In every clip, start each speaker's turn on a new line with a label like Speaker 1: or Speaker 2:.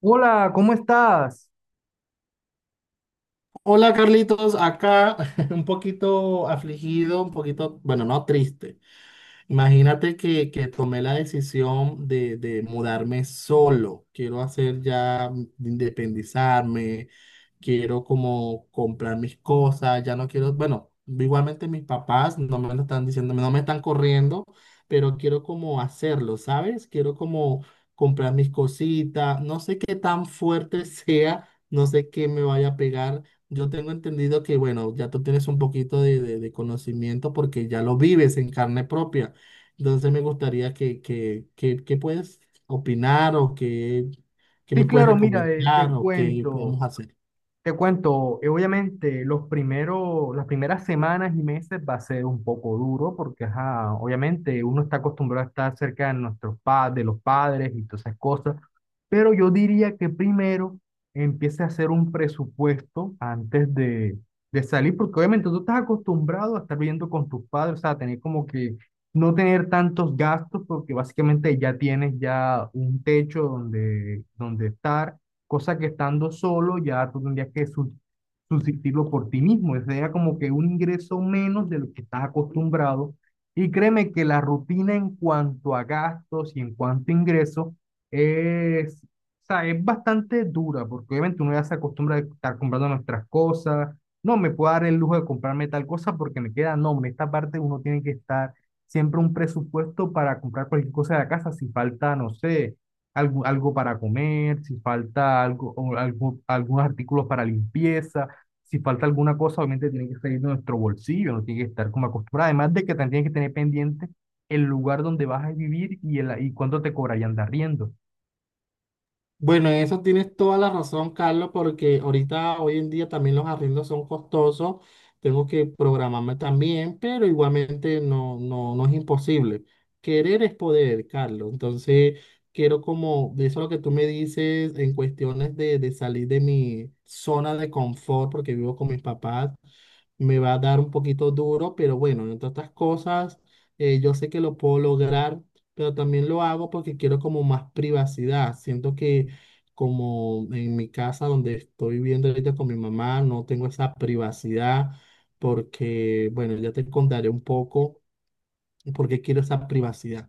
Speaker 1: Hola, ¿cómo estás?
Speaker 2: Hola Carlitos, acá un poquito afligido, un poquito, bueno, no triste. Imagínate que tomé la decisión de mudarme solo. Quiero hacer ya, independizarme, quiero como comprar mis cosas, ya no quiero, bueno, igualmente mis papás no me lo están diciendo, no me están corriendo, pero quiero como hacerlo, ¿sabes? Quiero como comprar mis cositas, no sé qué tan fuerte sea, no sé qué me vaya a pegar. Yo tengo entendido que, bueno, ya tú tienes un poquito de, de conocimiento porque ya lo vives en carne propia. Entonces me gustaría que puedes opinar o que me
Speaker 1: Sí,
Speaker 2: puedes
Speaker 1: claro, mira,
Speaker 2: recomendar
Speaker 1: te
Speaker 2: o qué
Speaker 1: cuento.
Speaker 2: podemos hacer.
Speaker 1: Te cuento, obviamente las primeras semanas y meses va a ser un poco duro porque, ajá, obviamente uno está acostumbrado a estar cerca de nuestros padres, de los padres y todas esas cosas, pero yo diría que primero empiece a hacer un presupuesto antes de salir, porque obviamente tú estás acostumbrado a estar viviendo con tus padres, o sea, tener como que no tener tantos gastos porque básicamente ya tienes ya un techo donde estar cosa que estando solo ya tú tendrías que subsistirlo por ti mismo, sería como que un ingreso menos de lo que estás acostumbrado. Y créeme que la rutina en cuanto a gastos y en cuanto a ingresos es, o sea, es bastante dura, porque obviamente uno ya se acostumbra a estar comprando nuestras cosas, no me puedo dar el lujo de comprarme tal cosa porque me queda, no, en esta parte uno tiene que estar siempre un presupuesto para comprar cualquier cosa de la casa, si falta, no sé algo para comer, si falta algo, o algunos artículos para limpieza, si falta alguna cosa, obviamente tiene que salir de nuestro bolsillo, no tiene que estar como acostumbrado. Además de que también tienes que tener pendiente el lugar donde vas a vivir y cuánto te cobrarían de arriendo.
Speaker 2: Bueno, en eso tienes toda la razón, Carlos, porque ahorita, hoy en día también los arriendos son costosos. Tengo que programarme también, pero igualmente no es imposible. Querer es poder, Carlos. Entonces, quiero como, de eso lo que tú me dices en cuestiones de salir de mi zona de confort, porque vivo con mis papás, me va a dar un poquito duro, pero bueno, entre otras cosas, yo sé que lo puedo lograr, pero también lo hago porque quiero como más privacidad. Siento que como en mi casa donde estoy viviendo ahorita con mi mamá, no tengo esa privacidad porque, bueno, ya te contaré un poco por qué quiero esa privacidad.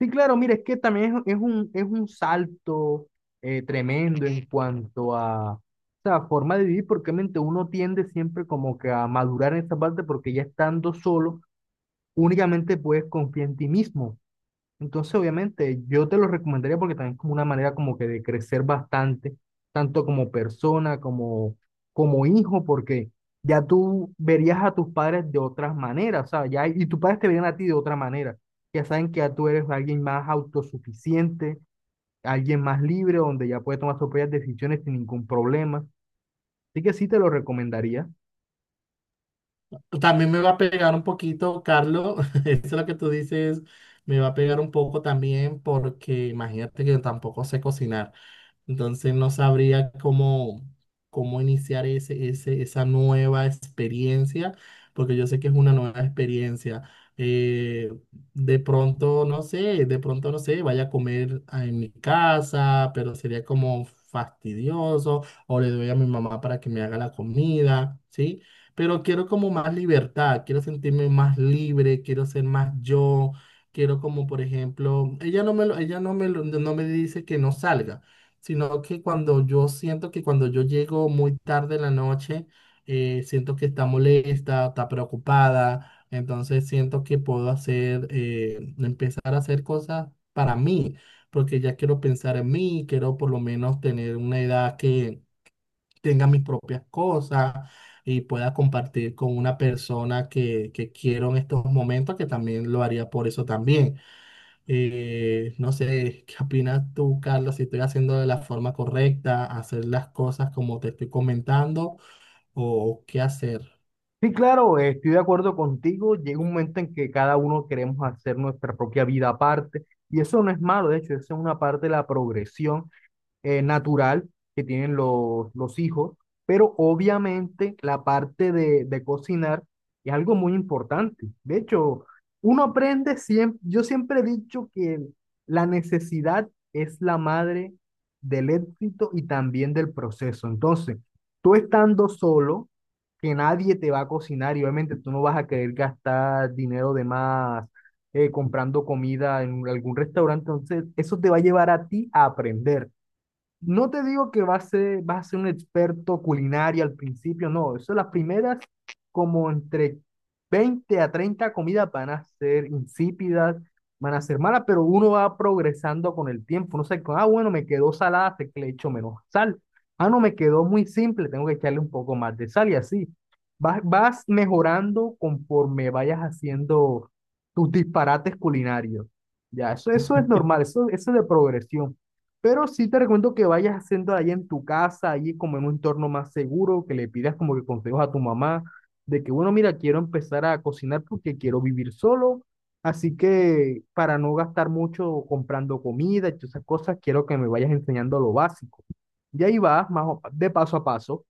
Speaker 1: Sí, claro, mire, es que también es un salto tremendo en cuanto a sea, forma de vivir, porque obviamente uno tiende siempre como que a madurar en esa parte, porque ya estando solo, únicamente puedes confiar en ti mismo. Entonces, obviamente, yo te lo recomendaría porque también es como una manera como que de crecer bastante, tanto como persona, como, como hijo, porque ya tú verías a tus padres de otras maneras, ¿sabes? Ya, y tus padres te verían a ti de otra manera. Ya saben que ya tú eres alguien más autosuficiente, alguien más libre, donde ya puedes tomar tus propias decisiones sin ningún problema. Así que sí te lo recomendaría.
Speaker 2: También me va a pegar un poquito, Carlos. Eso lo que tú dices me va a pegar un poco también porque imagínate que yo tampoco sé cocinar. Entonces no sabría cómo, cómo iniciar esa nueva experiencia, porque yo sé que es una nueva experiencia. Eh, de pronto, no sé, de pronto, no sé, vaya a comer en mi casa, pero sería como fastidioso, o le doy a mi mamá para que me haga la comida, ¿sí? Pero quiero como más libertad, quiero sentirme más libre, quiero ser más yo, quiero como por ejemplo, ella no me lo- ella no me lo- no me dice que no salga, sino que cuando yo siento que cuando yo llego muy tarde en la noche, siento que está molesta, está preocupada, entonces siento que puedo hacer, empezar a hacer cosas para mí, porque ya quiero pensar en mí, quiero por lo menos tener una edad que tenga mis propias cosas y pueda compartir con una persona que quiero en estos momentos, que también lo haría por eso también. No sé, ¿qué opinas tú, Carlos? Si estoy haciendo de la forma correcta, hacer las cosas como te estoy comentando o qué hacer.
Speaker 1: Sí, claro, estoy de acuerdo contigo. Llega un momento en que cada uno queremos hacer nuestra propia vida aparte y eso no es malo, de hecho, eso es una parte de la progresión natural que tienen los hijos, pero obviamente la parte de cocinar es algo muy importante. De hecho, uno aprende siempre, yo siempre he dicho que la necesidad es la madre del éxito y también del proceso. Entonces, tú estando solo, que nadie te va a cocinar y obviamente tú no vas a querer gastar dinero de más comprando comida en algún restaurante, entonces eso te va a llevar a ti a aprender. No te digo que vas a ser un experto culinario al principio, no. Eso las primeras, como entre 20 a 30 comidas van a ser insípidas, van a ser malas, pero uno va progresando con el tiempo. No sé, ah, bueno, me quedó salada, sé que le echo menos sal. Ah, no, me quedó muy simple, tengo que echarle un poco más de sal y así. Vas mejorando conforme vayas haciendo tus disparates culinarios. Ya, eso es normal, eso es de progresión. Pero sí te recomiendo que vayas haciendo allá en tu casa, allí como en un entorno más seguro, que le pidas como que consejos a tu mamá de que, bueno, mira, quiero empezar a cocinar porque quiero vivir solo, así que para no gastar mucho comprando comida y todas esas cosas, quiero que me vayas enseñando lo básico. Y ahí vas, de paso a paso.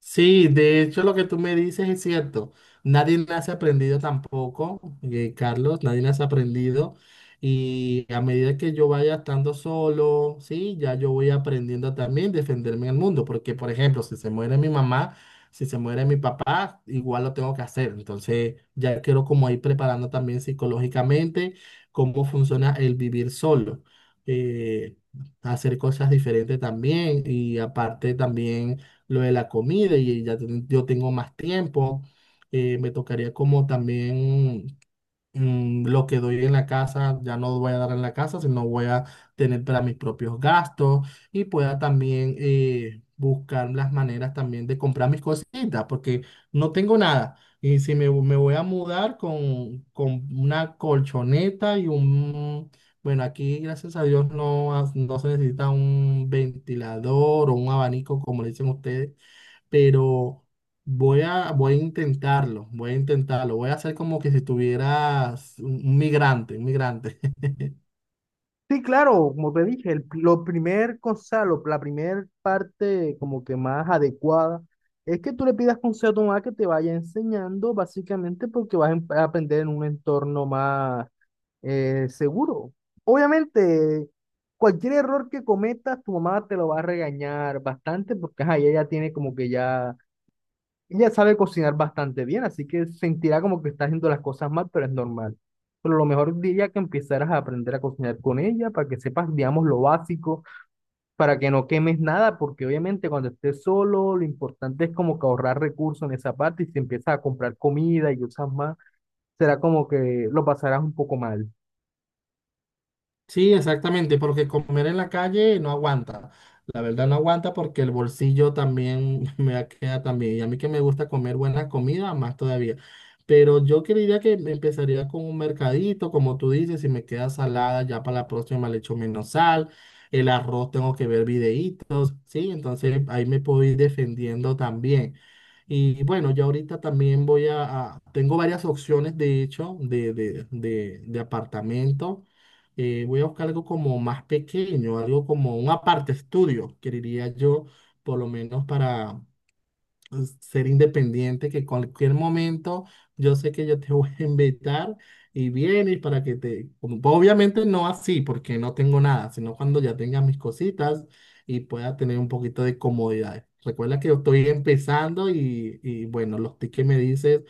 Speaker 2: Sí, de hecho lo que tú me dices es cierto. Nadie nace aprendido tampoco, Carlos, nadie nace aprendido. Y a medida que yo vaya estando solo, sí, ya yo voy aprendiendo también defenderme en el mundo. Porque, por ejemplo, si se muere mi mamá, si se muere mi papá, igual lo tengo que hacer. Entonces, ya quiero como ir preparando también psicológicamente cómo funciona el vivir solo. eh, Hacer cosas diferentes también y aparte también lo de la comida y yo tengo más tiempo. Me tocaría como también lo que doy en la casa, ya no voy a dar en la casa, sino voy a tener para mis propios gastos y pueda también buscar las maneras también de comprar mis cositas, porque no tengo nada. Y si me voy a mudar con una colchoneta y un... Bueno, aquí gracias a Dios no, no se necesita un ventilador o un abanico, como le dicen ustedes, pero voy a intentarlo, voy a intentarlo, voy a hacer como que si tuvieras un migrante, un migrante.
Speaker 1: Sí, claro, como te dije, el, lo primer consejo, la primer parte como que más adecuada es que tú le pidas consejo a tu mamá que te vaya enseñando, básicamente porque vas a a aprender en un entorno más seguro. Obviamente, cualquier error que cometas, tu mamá te lo va a regañar bastante porque ajá, ella ya tiene como que ya ella sabe cocinar bastante bien, así que sentirá como que está haciendo las cosas mal, pero es normal. Pero lo mejor diría que empezaras a aprender a cocinar con ella para que sepas, digamos, lo básico, para que no quemes nada, porque obviamente cuando estés solo, lo importante es como que ahorrar recursos en esa parte y si empiezas a comprar comida y usas más, será como que lo pasarás un poco mal.
Speaker 2: Sí, exactamente, porque comer en la calle no aguanta. La verdad no aguanta porque el bolsillo también me queda también. Y a mí que me gusta comer buena comida, más todavía. Pero yo creería que me empezaría con un mercadito, como tú dices, si me queda salada, ya para la próxima le echo menos sal. El arroz tengo que ver videitos, ¿sí? Entonces ahí me puedo ir defendiendo también. Y bueno, yo ahorita también tengo varias opciones, de hecho, de apartamento. Voy a buscar algo como más pequeño, algo como un aparte estudio, que diría yo, por lo menos para, pues, ser independiente, que cualquier momento yo sé que yo te voy a invitar y vienes para que te... Obviamente no así, porque no tengo nada, sino cuando ya tenga mis cositas y pueda tener un poquito de comodidad. Recuerda que yo estoy empezando y bueno, los tips que me dices,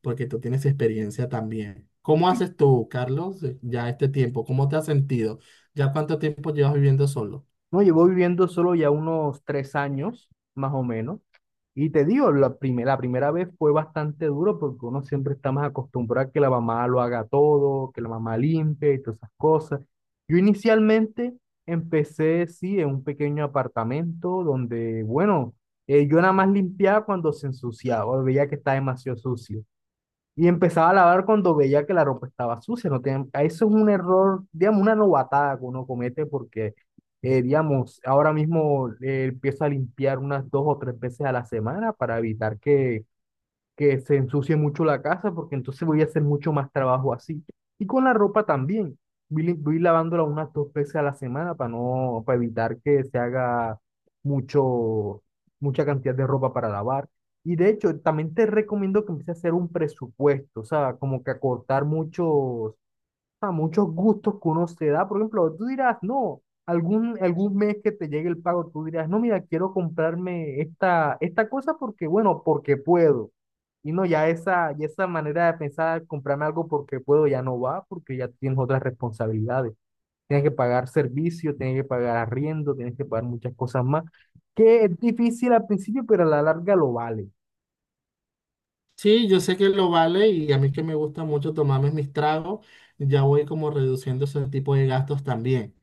Speaker 2: porque tú tienes experiencia también. ¿Cómo haces tú, Carlos, ya este tiempo? ¿Cómo te has sentido? ¿Ya cuánto tiempo llevas viviendo solo?
Speaker 1: No, llevo viviendo solo ya unos 3 años, más o menos. Y te digo, la primera vez fue bastante duro porque uno siempre está más acostumbrado a que la mamá lo haga todo, que la mamá limpie y todas esas cosas. Yo inicialmente empecé, sí, en un pequeño apartamento donde, bueno, yo nada más limpiaba cuando se ensuciaba, veía que está demasiado sucio. Y empezaba a lavar cuando veía que la ropa estaba sucia. No tiene- eso es un error, digamos, una novatada que uno comete porque, digamos, ahora mismo empiezo a limpiar unas 2 o 3 veces a la semana para evitar que se ensucie mucho la casa porque entonces voy a hacer mucho más trabajo así. Y con la ropa también. Voy lavándola unas 2 veces a la semana para no, para evitar que se haga mucho, mucha cantidad de ropa para lavar. Y de hecho, también te recomiendo que empieces a hacer un presupuesto, o sea, como que acortar a muchos gustos que uno se da. Por ejemplo, tú dirás, no, algún mes que te llegue el pago, tú dirás, no, mira, quiero comprarme esta cosa porque, bueno, porque puedo. Y no, ya esa manera de pensar, comprarme algo porque puedo, ya no va, porque ya tienes otras responsabilidades. Tienes que pagar servicio, tienes que pagar arriendo, tienes que pagar muchas cosas más, que es difícil al principio, pero a la larga lo vale.
Speaker 2: Sí, yo sé que lo vale y a mí que me gusta mucho tomarme mis tragos, ya voy como reduciendo ese tipo de gastos también.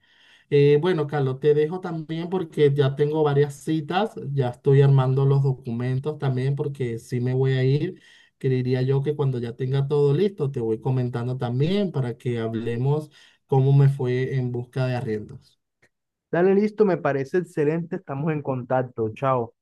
Speaker 2: Bueno, Carlos, te dejo también porque ya tengo varias citas, ya estoy armando los documentos también porque sí me voy a ir. Creería yo que cuando ya tenga todo listo, te voy comentando también para que hablemos cómo me fue en busca de arriendos.
Speaker 1: Dale, listo, me parece excelente, estamos en contacto, chao.